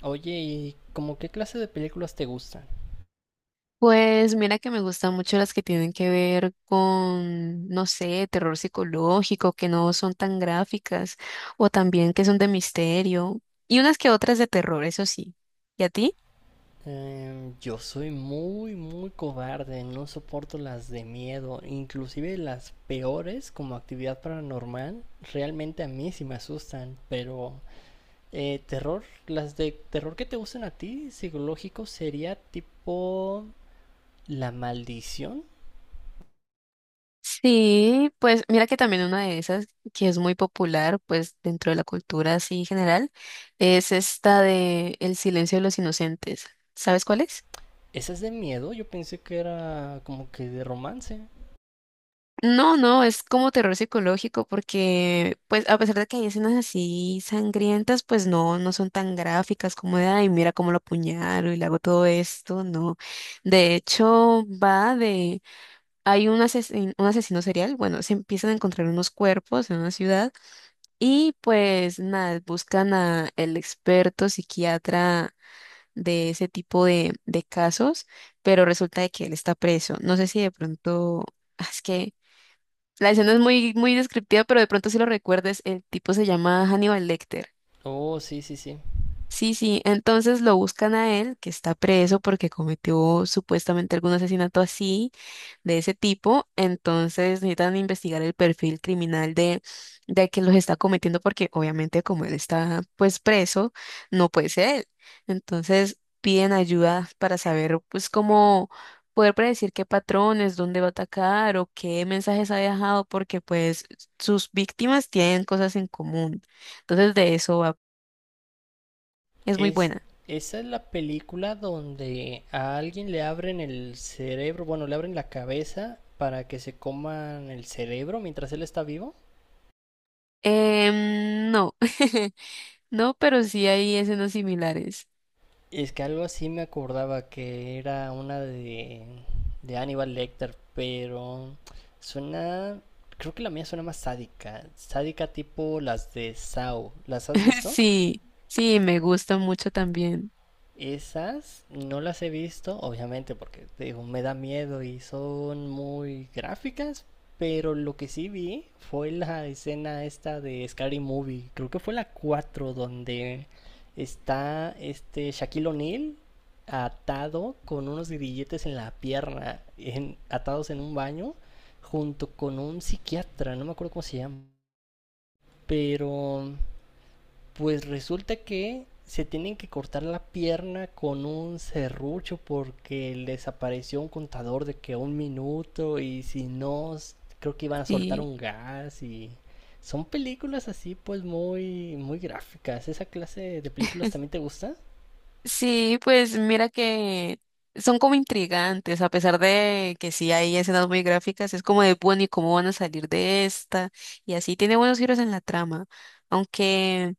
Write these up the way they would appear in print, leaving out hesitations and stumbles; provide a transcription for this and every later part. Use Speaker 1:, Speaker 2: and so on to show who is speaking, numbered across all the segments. Speaker 1: Oye, ¿y como qué clase de películas te gustan?
Speaker 2: Pues mira que me gustan mucho las que tienen que ver con, no sé, terror psicológico, que no son tan gráficas, o también que son de misterio, y unas que otras de terror, eso sí. ¿Y a ti?
Speaker 1: Yo soy muy, muy cobarde, no soporto las de miedo, inclusive las peores como Actividad Paranormal, realmente a mí sí me asustan, pero terror, las de terror que te gustan a ti, psicológico, sería tipo La Maldición.
Speaker 2: Sí, pues mira que también una de esas que es muy popular, pues dentro de la cultura así general, es esta de El silencio de los inocentes. ¿Sabes cuál es?
Speaker 1: ¿Esa es de miedo? Yo pensé que era como que de romance.
Speaker 2: No, no, es como terror psicológico porque, pues, a pesar de que hay escenas así sangrientas, pues no, no son tan gráficas como de, ay, mira cómo lo apuñalo y le hago todo esto, no. De hecho, va de, hay un un asesino serial, bueno, se empiezan a encontrar unos cuerpos en una ciudad y pues nada, buscan a el experto psiquiatra de ese tipo de casos, pero resulta de que él está preso. No sé si de pronto, ah, es que... La escena es muy, muy descriptiva, pero de pronto si lo recuerdes, el tipo se llama Hannibal Lecter.
Speaker 1: Oh, sí, sí, sí.
Speaker 2: Sí, sí, entonces lo buscan a él, que está preso porque cometió supuestamente algún asesinato así, de ese tipo, entonces necesitan investigar el perfil criminal de quien los está cometiendo porque obviamente como él está pues preso, no puede ser él. Entonces piden ayuda para saber pues cómo poder predecir qué patrones, dónde va a atacar o qué mensajes ha dejado porque pues sus víctimas tienen cosas en común. Entonces de eso va. Es muy
Speaker 1: Es,
Speaker 2: buena.
Speaker 1: esa es la película donde a alguien le abren el cerebro, bueno, le abren la cabeza para que se coman el cerebro mientras él está vivo.
Speaker 2: No, no, pero sí hay escenas similares.
Speaker 1: Es que algo así me acordaba que era una de Hannibal Lecter, pero suena, creo que la mía suena más sádica, sádica tipo las de Saw. ¿Las has visto?
Speaker 2: Sí, sí, me gusta mucho también.
Speaker 1: Esas no las he visto, obviamente, porque te digo, me da miedo y son muy gráficas, pero lo que sí vi fue la escena esta de Scary Movie, creo que fue la 4 donde está este Shaquille O'Neal atado con unos grilletes en la pierna, atados en un baño, junto con un psiquiatra, no me acuerdo cómo se llama, pero pues resulta que se tienen que cortar la pierna con un serrucho porque les apareció un contador de que 1 minuto y si no, creo que iban a soltar
Speaker 2: Sí,
Speaker 1: un gas y son películas así pues muy muy gráficas. ¿Esa clase de películas también te gusta?
Speaker 2: sí, pues mira que son como intrigantes, a pesar de que sí hay escenas muy gráficas, es como de, bueno, ¿y cómo van a salir de esta? Y así tiene buenos giros en la trama, aunque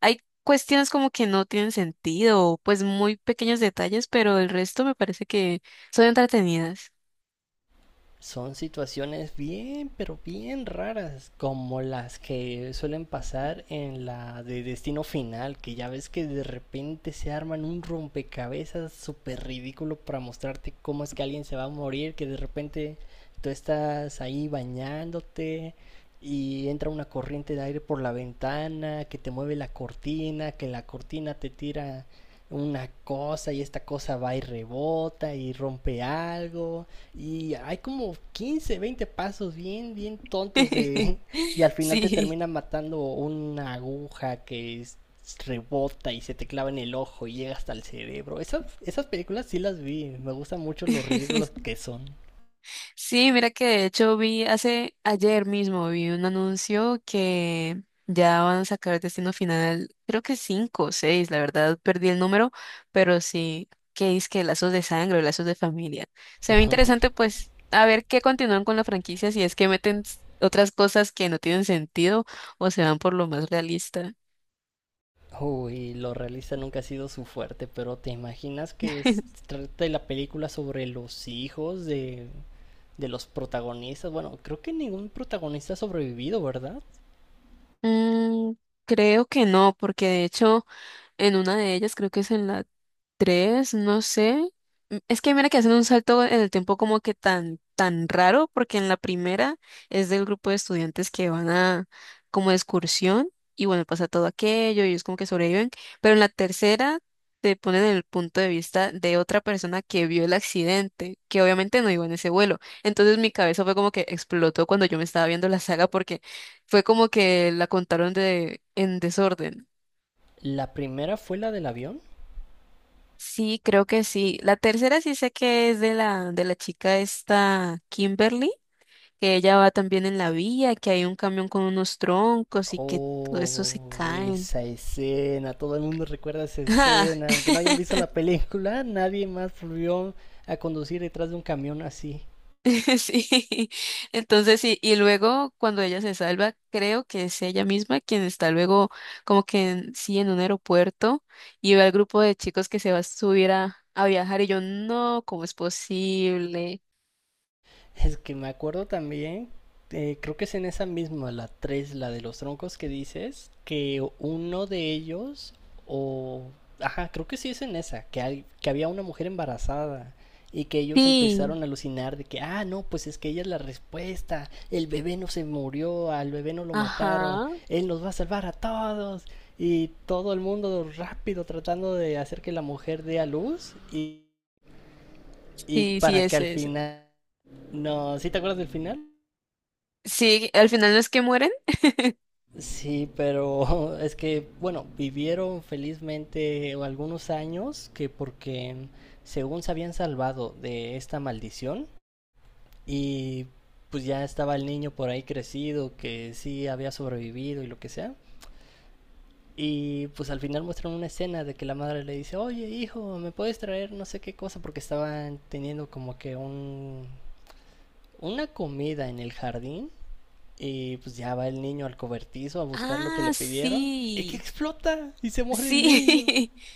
Speaker 2: hay cuestiones como que no tienen sentido, pues muy pequeños detalles, pero el resto me parece que son entretenidas.
Speaker 1: Son situaciones bien, pero bien raras, como las que suelen pasar en la de Destino Final, que ya ves que de repente se arman un rompecabezas súper ridículo para mostrarte cómo es que alguien se va a morir, que de repente tú estás ahí bañándote y entra una corriente de aire por la ventana, que te mueve la cortina, que la cortina te tira una cosa y esta cosa va y rebota y rompe algo y hay como 15 20 pasos bien, bien tontos. Y al final te
Speaker 2: Sí.
Speaker 1: termina matando una aguja rebota y se te clava en el ojo y llega hasta el cerebro. Esas películas sí las vi. Me gustan mucho los ridículos que son.
Speaker 2: Sí, mira que de hecho vi hace ayer mismo vi un anuncio que ya van a sacar Destino Final, creo que cinco o seis, la verdad perdí el número, pero sí, que es que lazos de sangre lazos de familia. Se ve interesante pues a ver qué continúan con la franquicia, si es que meten otras cosas que no tienen sentido o se van por lo más realista.
Speaker 1: Uy, lo realista nunca ha sido su fuerte, pero ¿te imaginas que trata la película sobre los hijos de los protagonistas? Bueno, creo que ningún protagonista ha sobrevivido, ¿verdad?
Speaker 2: Mm, creo que no, porque de hecho en una de ellas, creo que es en la 3 no sé. Es que mira que hacen un salto en el tiempo como que tan, tan raro, porque en la primera es del grupo de estudiantes que van a como de excursión y bueno, pasa todo aquello y ellos como que sobreviven, pero en la tercera te ponen en el punto de vista de otra persona que vio el accidente, que obviamente no iba en ese vuelo. Entonces mi cabeza fue como que explotó cuando yo me estaba viendo la saga porque fue como que la contaron de en desorden.
Speaker 1: La primera fue la del avión.
Speaker 2: Sí, creo que sí. La tercera sí sé que es de la chica esta Kimberly, que ella va también en la vía, que hay un camión con unos troncos y que todo eso se
Speaker 1: Oh,
Speaker 2: caen.
Speaker 1: esa escena, todo el mundo recuerda esa
Speaker 2: Ah,
Speaker 1: escena, aunque no hayan visto la película, nadie más volvió a conducir detrás de un camión así.
Speaker 2: sí. Entonces sí, y luego cuando ella se salva, creo que es ella misma quien está luego como que sí en un aeropuerto y ve al grupo de chicos que se va a subir a viajar y yo, no, ¿cómo es posible?
Speaker 1: Es que me acuerdo también, creo que es en esa misma, la 3 la de los troncos que dices, que uno de ellos, o... Ajá, creo que sí es en esa, que había una mujer embarazada y que ellos
Speaker 2: Sí,
Speaker 1: empezaron a alucinar de que, ah, no, pues es que ella es la respuesta, el bebé no se murió, al bebé no lo mataron,
Speaker 2: ajá.
Speaker 1: él nos va a salvar a todos y todo el mundo rápido tratando de hacer que la mujer dé a luz y
Speaker 2: Sí, sí,
Speaker 1: para que
Speaker 2: es
Speaker 1: al
Speaker 2: esa.
Speaker 1: final. No, ¿sí te acuerdas del final?
Speaker 2: Sí, al final no es que mueren.
Speaker 1: Sí, pero es que, bueno, vivieron felizmente algunos años que porque según se habían salvado de esta maldición y pues ya estaba el niño por ahí crecido que sí había sobrevivido y lo que sea. Y pues al final muestran una escena de que la madre le dice, oye hijo, ¿me puedes traer no sé qué cosa? Porque estaban teniendo como que una comida en el jardín. Y pues ya va el niño al cobertizo a buscar lo que le
Speaker 2: Ah,
Speaker 1: pidieron. Y que
Speaker 2: sí.
Speaker 1: explota y se muere el niño.
Speaker 2: Sí.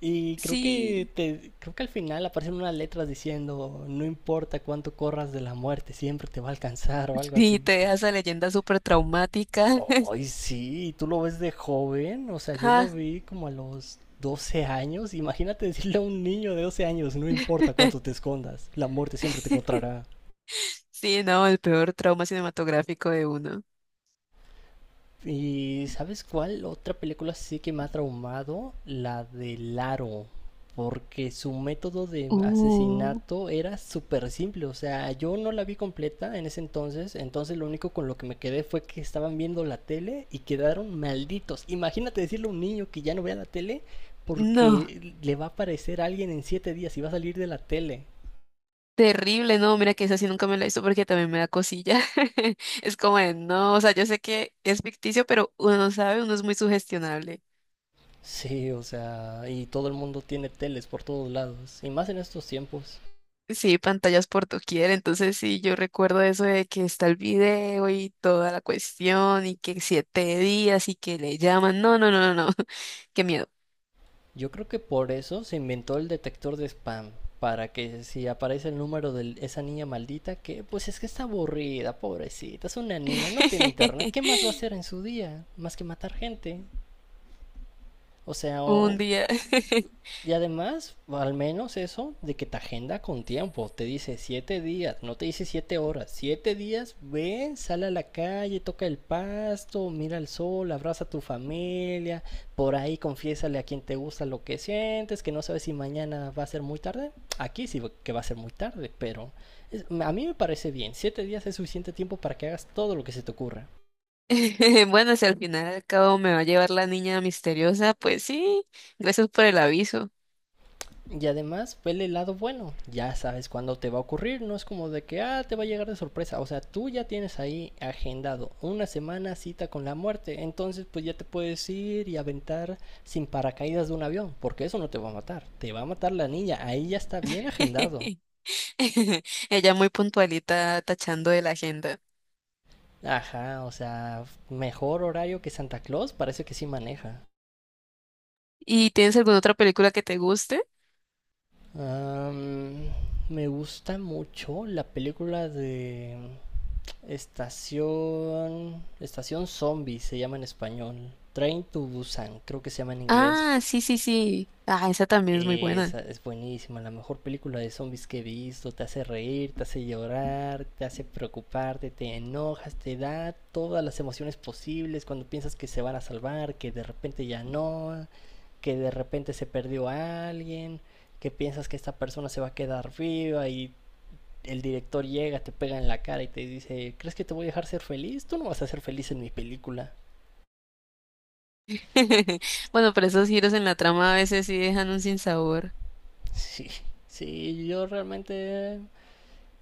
Speaker 1: Y
Speaker 2: Sí.
Speaker 1: creo que al final aparecen unas letras diciendo no importa cuánto corras de la muerte, siempre te va a alcanzar o algo
Speaker 2: Sí,
Speaker 1: así.
Speaker 2: te deja esa leyenda súper traumática.
Speaker 1: Ay, sí, tú lo ves de joven, o sea, yo lo
Speaker 2: Ah,
Speaker 1: vi como a los 12 años. Imagínate decirle a un niño de 12 años, no importa cuánto te escondas, la muerte siempre te encontrará.
Speaker 2: sí, no, el peor trauma cinematográfico de uno.
Speaker 1: ¿Y sabes cuál otra película sí que me ha traumado? La de Laro. Porque su método de
Speaker 2: Uh,
Speaker 1: asesinato era súper simple. O sea, yo no la vi completa en ese entonces. Entonces lo único con lo que me quedé fue que estaban viendo la tele y quedaron malditos. Imagínate decirle a un niño que ya no vea la tele
Speaker 2: no.
Speaker 1: porque le va a aparecer alguien en 7 días y va a salir de la tele.
Speaker 2: Terrible, no, mira que esa sí nunca me la hizo porque también me da cosilla. Es como de, no, o sea, yo sé que es ficticio, pero uno no sabe, uno es muy sugestionable.
Speaker 1: Sí, o sea, y todo el mundo tiene teles por todos lados. Y más en estos tiempos.
Speaker 2: Sí, pantallas por doquier, entonces sí, yo recuerdo eso de que está el video y toda la cuestión y que 7 días y que le llaman. No, no, no, no, no, qué miedo.
Speaker 1: Yo creo que por eso se inventó el detector de spam. Para que si aparece el número de esa niña maldita, que pues es que está aburrida, pobrecita, es una niña, no tiene internet, ¿qué más va a hacer en su día? Más que matar gente. O sea,
Speaker 2: Un
Speaker 1: o-
Speaker 2: día.
Speaker 1: y además, al menos eso de que te agenda con tiempo. Te dice 7 días, no te dice 7 horas. Siete días, ven, sale a la calle, toca el pasto, mira el sol, abraza a tu familia. Por ahí confiésale a quien te gusta lo que sientes, que no sabes si mañana va a ser muy tarde. Aquí sí que va a ser muy tarde, pero a mí me parece bien. 7 días es suficiente tiempo para que hagas todo lo que se te ocurra.
Speaker 2: Bueno, si al final al cabo me va a llevar la niña misteriosa, pues sí, gracias por el aviso.
Speaker 1: Y además, vele el lado bueno. Ya sabes cuándo te va a ocurrir. No es como de que, ah, te va a llegar de sorpresa. O sea, tú ya tienes ahí agendado una semana cita con la muerte. Entonces, pues ya te puedes ir y aventar sin paracaídas de un avión. Porque eso no te va a matar. Te va a matar la niña. Ahí ya está bien agendado.
Speaker 2: Ella muy puntualita tachando de la agenda.
Speaker 1: Ajá, o sea, mejor horario que Santa Claus. Parece que sí maneja.
Speaker 2: ¿Y tienes alguna otra película que te guste?
Speaker 1: Am, me gusta mucho la película de Estación. Estación Zombie se llama en español. Train to Busan, creo que se llama en inglés.
Speaker 2: Ah, sí, sí, sí. Ah, esa también es muy buena.
Speaker 1: Esa es buenísima, la mejor película de zombies que he visto. Te hace reír, te hace llorar, te hace preocuparte, te enojas, te da todas las emociones posibles cuando piensas que se van a salvar, que de repente ya no, que de repente se perdió a alguien, que piensas que esta persona se va a quedar viva y el director llega, te pega en la cara y te dice, ¿crees que te voy a dejar ser feliz? Tú no vas a ser feliz en mi película.
Speaker 2: Bueno, pero esos giros en la trama a veces sí dejan un sinsabor.
Speaker 1: Sí, sí, yo realmente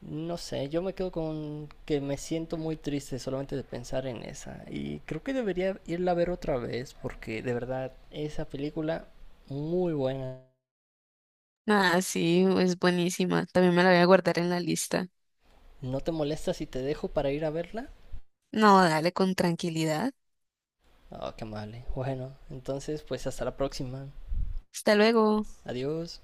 Speaker 1: no sé, yo me quedo con que me siento muy triste solamente de pensar en esa. Y creo que debería irla a ver otra vez porque de verdad esa película muy buena.
Speaker 2: Ah, sí, es buenísima. También me la voy a guardar en la lista.
Speaker 1: ¿No te molesta si te dejo para ir a verla?
Speaker 2: No, dale con tranquilidad.
Speaker 1: Oh, qué mal. ¿Eh? Bueno, entonces pues hasta la próxima.
Speaker 2: Hasta luego.
Speaker 1: Adiós.